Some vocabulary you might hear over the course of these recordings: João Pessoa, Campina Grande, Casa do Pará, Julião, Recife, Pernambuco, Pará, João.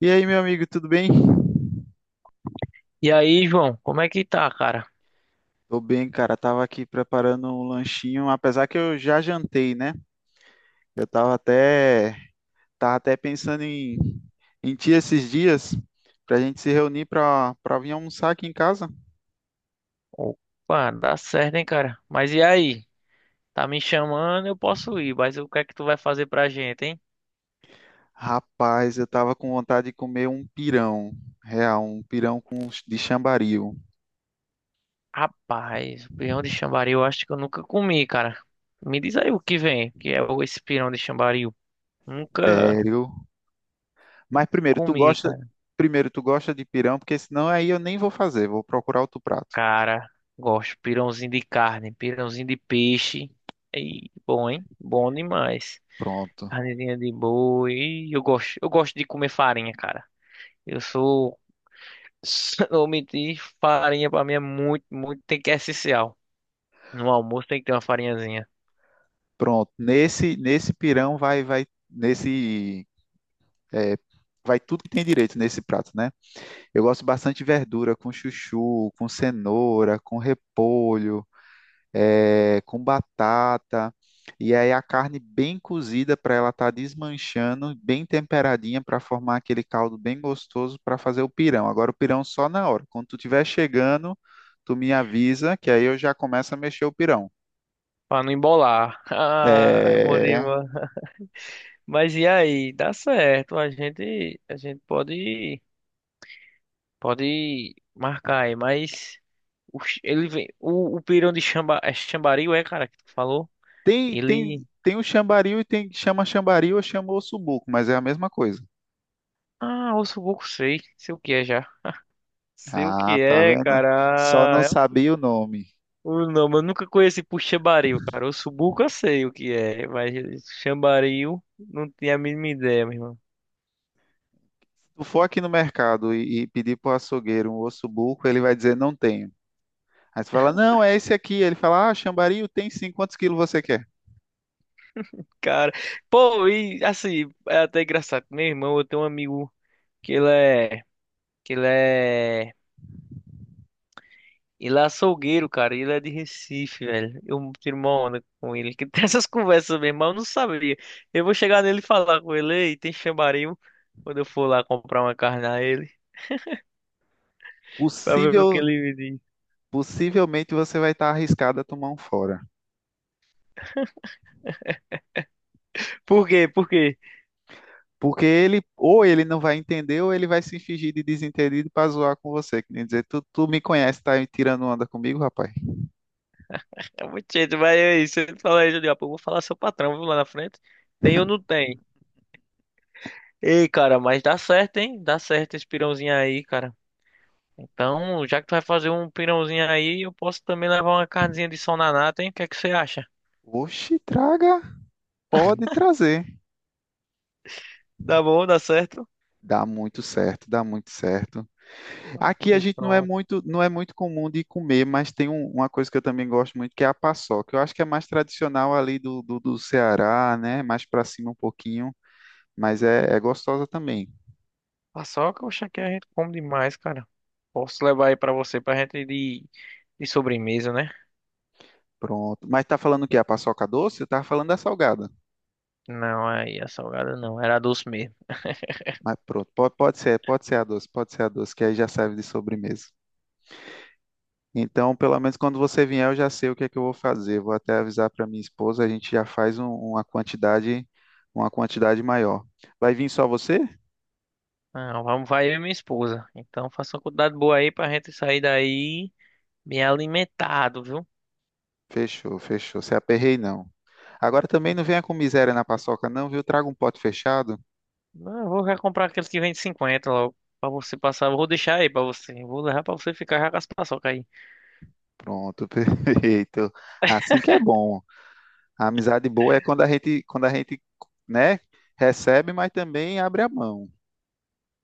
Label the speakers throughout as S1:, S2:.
S1: E aí, meu amigo, tudo bem?
S2: E aí, João, como é que tá, cara?
S1: Tô bem, cara. Tava aqui preparando um lanchinho, apesar que eu já jantei, né? Eu tava até pensando em ti esses dias pra gente se reunir pra vir almoçar aqui em casa.
S2: Opa, dá certo, hein, cara? Mas e aí? Tá me chamando, eu posso ir, mas o que é que tu vai fazer pra gente, hein?
S1: Rapaz, eu tava com vontade de comer um pirão, real, um pirão de chambaril.
S2: Rapaz, pirão de chambaril eu acho que eu nunca comi, cara. Me diz aí o que vem, que é o- esse pirão de chambaril. Nunca,
S1: Sério? Mas
S2: nunca comi, cara.
S1: primeiro, tu gosta de pirão, porque senão aí eu nem vou fazer, vou procurar outro prato.
S2: Cara, gosto pirãozinho de carne, pirãozinho de peixe. E bom, hein? Bom demais.
S1: Pronto.
S2: Carnezinha de boi. E eu gosto de comer farinha, cara. Eu sou Se não omitir, farinha pra mim é muito, muito, tem que é essencial. No almoço tem que ter uma farinhazinha.
S1: Pronto, nesse pirão é, vai tudo que tem direito nesse prato, né? Eu gosto bastante de verdura com chuchu, com cenoura, com repolho, é, com batata. E aí a carne bem cozida para ela estar desmanchando, bem temperadinha para formar aquele caldo bem gostoso para fazer o pirão. Agora o pirão só na hora. Quando tu estiver chegando, tu me avisa que aí eu já começo a mexer o pirão.
S2: Pra não embolar. Ah, é bom
S1: É.
S2: demais. Mas e aí? Dá certo. A gente pode, marcar aí. Mas o, ch- ele vem, o pirão de chamba, é chambaril, é, cara, que tu falou?
S1: Tem, tem,
S2: Ele.
S1: Tem o chambaril e tem chama chambaril ou chama ossobuco, mas é a mesma coisa.
S2: Ah, osso pouco sei. Sei o que é já. Sei o
S1: Ah,
S2: que
S1: tá
S2: é,
S1: vendo? Só não
S2: cara. É
S1: sabia o nome. Se
S2: Não, mas eu nunca conheci por Xambaril, cara. O Subuco eu sei o que é, mas Xambaril não tinha a mínima ideia, meu irmão.
S1: tu for aqui no mercado e pedir pro açougueiro um ossobuco, ele vai dizer não tenho. Aí você fala, não, é esse aqui. Ele fala, ah, chambaril tem sim, quantos quilos você quer?
S2: Cara, pô, e assim, é até engraçado. Meu irmão, eu tenho um amigo que ele é, que ele é, ele é açougueiro, cara, e ele é de Recife, velho. Eu tiro uma onda com ele, que tem essas conversas, meu irmão, eu não sabia. Eu vou chegar nele e falar com ele, ei, tem Xambaril, quando eu for lá comprar uma carne a ele, pra ver o que
S1: Possível,
S2: ele me diz.
S1: possivelmente você vai estar arriscado a tomar um fora.
S2: Por quê? Por quê?
S1: Porque ele, ou ele não vai entender, ou ele vai se fingir de desentendido para zoar com você. Que nem dizer, tu me conhece, tá tirando onda comigo, rapaz?
S2: É muito jeito, mas aí, você fala aí, Julião, pô, eu vou falar seu patrão, viu, lá na frente. Tem ou não tem? Ei, cara, mas dá certo, hein? Dá certo esse pirãozinho aí, cara. Então, já que tu vai fazer um pirãozinho aí, eu posso também levar uma carnezinha de sol na nata, hein? O que é que você acha?
S1: Oxe, traga. Pode trazer.
S2: Dá bom, dá certo?
S1: Dá muito certo, dá muito certo.
S2: Ah,
S1: Aqui a
S2: pois
S1: gente não é
S2: pronto.
S1: muito, não é muito comum de comer, mas tem um- uma coisa que eu também gosto muito, que é a paçoca. Eu acho que é mais tradicional ali do Ceará, né? Mais para cima um pouquinho, mas é, é gostosa também.
S2: Paçoca, oxe, aqui a gente come demais, cara. Posso levar aí pra você, pra gente ir de sobremesa, né?
S1: Pronto. Mas tá falando o quê? A paçoca doce? Eu tava falando da salgada.
S2: Não, aí a salgada não, era doce mesmo.
S1: Mas pronto, pode, pode ser a doce, que aí já serve de sobremesa. Então, pelo menos quando você vier, eu já sei o que é que eu vou fazer. Vou até avisar para minha esposa, a gente já faz um- uma quantidade maior. Vai vir só você?
S2: Não, vamos, vai eu e minha esposa. Então faça uma quantidade boa aí pra gente sair daí bem alimentado, viu?
S1: Fechou, fechou. Se aperrei, não. Agora também não venha com miséria na paçoca, não, viu? Traga um pote fechado.
S2: Não, eu vou já comprar aqueles que vem de 50 logo. Pra você passar, eu vou deixar aí pra você. Eu vou levar pra você ficar já com as paçoca aí.
S1: Pronto, perfeito. Assim que é bom. A amizade boa é quando a gente, né, recebe, mas também abre a mão.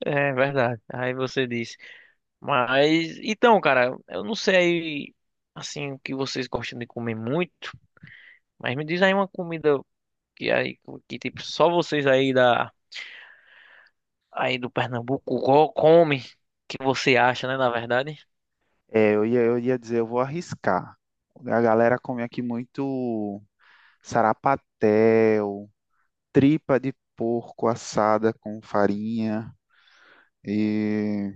S2: É verdade. Aí você disse. Mas, então, cara, eu não sei aí, assim, o que vocês gostam de comer muito. Mas me diz aí uma comida que aí, que tipo, só vocês aí da, aí do Pernambuco go- comem. Que você acha, né, na verdade?
S1: É, eu ia dizer, eu vou arriscar. A galera come aqui muito. Sarapatel, tripa de porco assada com farinha e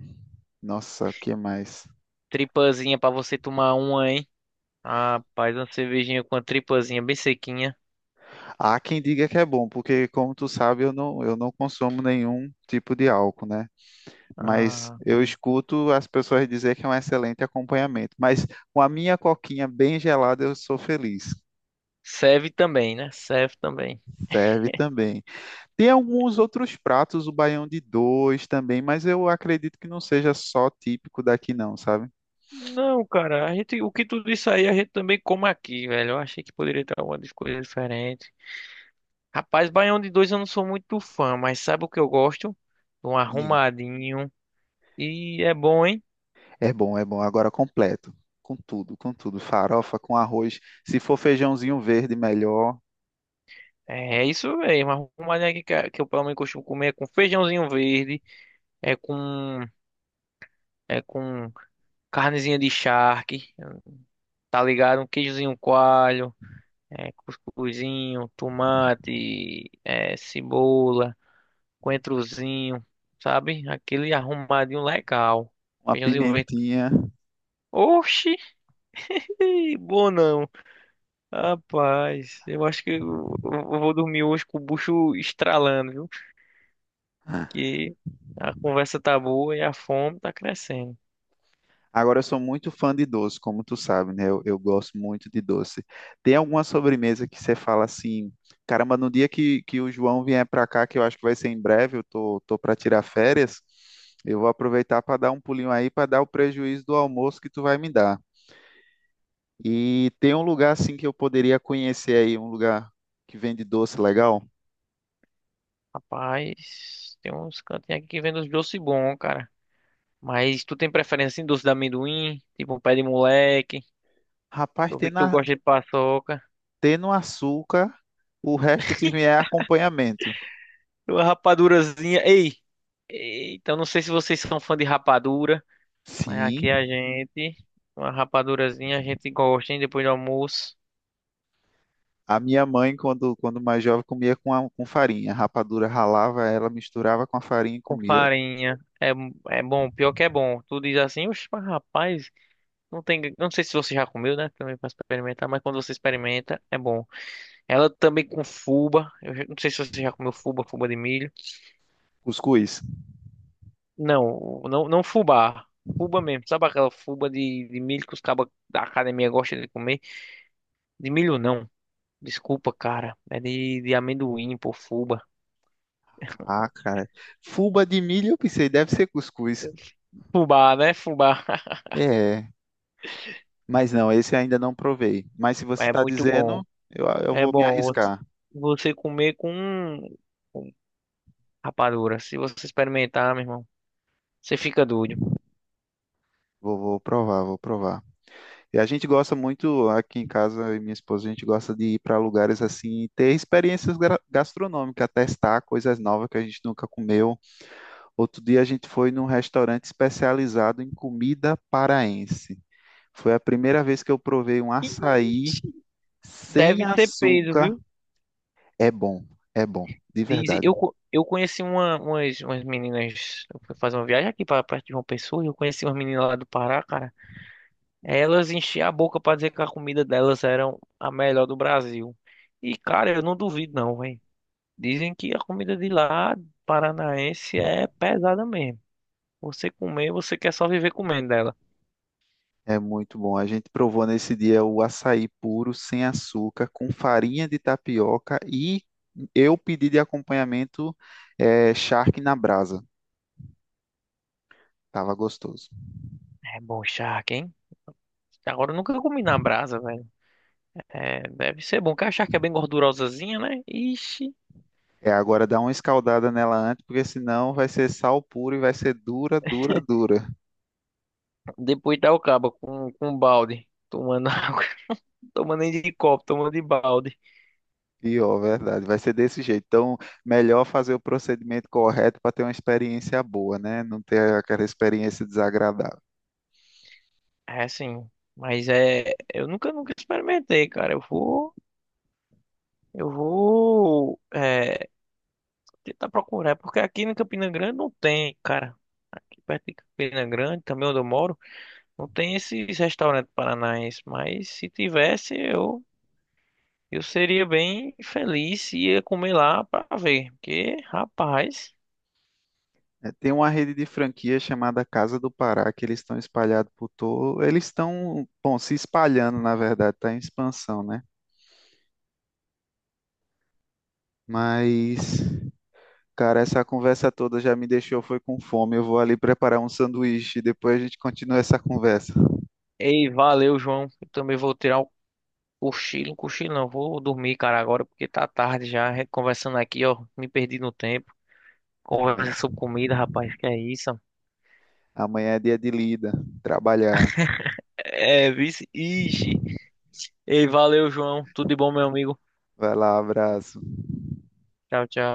S1: nossa, o que mais?
S2: Tripazinha pra você tomar uma, hein? Rapaz, uma cervejinha com a tripazinha bem sequinha.
S1: Há quem diga que é bom, porque como tu sabe, eu não consumo nenhum tipo de álcool, né? Mas
S2: Ah,
S1: eu escuto as pessoas dizer que é um excelente acompanhamento. Mas com a minha coquinha bem gelada, eu sou feliz.
S2: serve também, né? Serve também.
S1: Serve também. Tem alguns outros pratos, o baião de dois também, mas eu acredito que não seja só típico daqui, não, sabe?
S2: Não, cara, a gente, o que tudo isso aí a gente também come aqui, velho. Eu achei que poderia ter alguma coisa diferente. Rapaz, baião de dois eu não sou muito fã, mas sabe o que eu gosto? Um arrumadinho. E é bom, hein?
S1: É bom, é bom. Agora completo. Com tudo, com tudo. Farofa, com arroz. Se for feijãozinho verde, melhor.
S2: É é isso mesmo. Arrumadinho aqui que, a- que eu pelo menos costumo comer é com feijãozinho verde, é com, é com carnezinha de charque. Tá ligado? Um queijozinho coalho, é, cuscuzinho, tomate, é, cebola, coentrozinho, sabe? Aquele arrumadinho legal.
S1: Uma
S2: Feijãozinho verde.
S1: pimentinha.
S2: Oxi, bom não. Rapaz, eu acho que eu vou dormir hoje com o bucho estralando, viu? Que a conversa tá boa e a fome tá crescendo.
S1: Agora eu sou muito fã de doce, como tu sabe, né? Eu gosto muito de doce. Tem alguma sobremesa que você fala assim, caramba, no dia que o João vier para cá, que eu acho que vai ser em breve, tô para tirar férias, eu vou aproveitar para dar um pulinho aí, para dar o prejuízo do almoço que tu vai me dar. E tem um lugar assim que eu poderia conhecer aí, um lugar que vende doce legal?
S2: Rapaz, tem uns cantinhos aqui que vendem uns doces bons, cara. Mas tu tem preferência em doce de amendoim? Tipo um pé de moleque?
S1: Rapaz,
S2: Eu
S1: tem,
S2: vi que tu
S1: na,
S2: gosta de paçoca.
S1: tem no açúcar o resto que vier é acompanhamento.
S2: Uma rapadurazinha. Ei! Então não sei se vocês são fã de rapadura, mas aqui a
S1: Sim,
S2: gente. Uma rapadurazinha a gente gosta, hein? Depois do almoço.
S1: a minha mãe, quando mais jovem, comia com, a- com farinha. Rapadura ralava ela, misturava com a farinha e
S2: Com
S1: comia
S2: farinha. É, é bom, pior que é bom. Tu diz assim, oxe, mas rapaz, não tem. Não sei se você já comeu, né? Também pra experimentar, mas quando você experimenta, é bom. Ela também com fuba. Eu já- não sei se você já comeu fuba, fuba de milho.
S1: cuscuz.
S2: Não, não, não fubá. Fubá mesmo. Sabe aquela fuba de milho que os cabas da academia gostam de comer? De milho não. Desculpa, cara. É de amendoim, pô, fuba.
S1: Ah, cara. Fuba de milho, eu pensei, deve ser cuscuz.
S2: Fubá, né? Fubá.
S1: É, mas não, esse ainda não provei. Mas se você
S2: É
S1: está
S2: muito
S1: dizendo,
S2: bom.
S1: eu
S2: É
S1: vou me
S2: bom você
S1: arriscar.
S2: você comer com rapadura. Se você experimentar, meu irmão, você fica doido.
S1: Vou, vou provar, vou provar. E a gente gosta muito, aqui em casa, eu e minha esposa, a gente gosta de ir para lugares assim, e ter experiências gra- gastronômicas, testar coisas novas que a gente nunca comeu. Outro dia a gente foi num restaurante especializado em comida paraense. Foi a primeira vez que eu provei um açaí
S2: Ixi,
S1: sem
S2: deve ser peso,
S1: açúcar.
S2: viu?
S1: É bom, é bom, de
S2: Diz,
S1: verdade.
S2: eu, co- eu conheci uma, umas, umas meninas. Eu fui fazer uma viagem aqui para perto de João Pessoa, e eu conheci umas meninas lá do Pará, cara. Elas enchiam a boca pra dizer que a comida delas era a melhor do Brasil. E, cara, eu não duvido não, velho. Dizem que a comida de lá, paranaense, é pesada mesmo. Você comer, você quer só viver comendo dela.
S1: É muito bom. A gente provou nesse dia o açaí puro, sem açúcar, com farinha de tapioca e eu pedi de acompanhamento charque na brasa. Tava gostoso.
S2: É bom charque, hein? Agora eu nunca comi na brasa, velho. É, deve ser bom, que a charque é bem gordurosazinha, né? Ixi.
S1: É, agora dá uma escaldada nela antes, porque senão vai ser sal puro e vai ser dura, dura, dura.
S2: Depois dá o cabo com balde. Tomando água. Tomando nem de copo, tomando de balde.
S1: Pior, verdade. Vai ser desse jeito. Então, melhor fazer o procedimento correto para ter uma experiência boa, né? Não ter aquela experiência desagradável.
S2: É assim. Mas é. Eu nunca experimentei, cara. Eu vou. Eu vou é, tentar procurar, porque aqui em Campina Grande não tem, cara. Aqui perto de Campina Grande, também onde eu moro, não tem esses restaurantes paranaenses. Mas se tivesse, eu seria bem feliz se ia comer lá pra ver. Porque, rapaz.
S1: É, tem uma rede de franquia chamada Casa do Pará, que eles estão espalhados por todo. Eles estão, bom, se espalhando, na verdade, está em expansão, né? Mas, cara, essa conversa toda já me deixou, foi com fome. Eu vou ali preparar um sanduíche e depois a gente continua essa conversa.
S2: Ei, valeu, João. Eu também vou tirar o cochilo, um cochilo não, vou dormir, cara, agora, porque tá tarde já. A gente conversando aqui, ó, me perdi no tempo. Conversa
S1: Amanhã,
S2: sobre comida, rapaz, que é isso?
S1: amanhã é dia de lida, trabalhar.
S2: É, vice. Ixi. Ei, valeu, João. Tudo de bom, meu amigo.
S1: Vai lá, abraço.
S2: Tchau, tchau.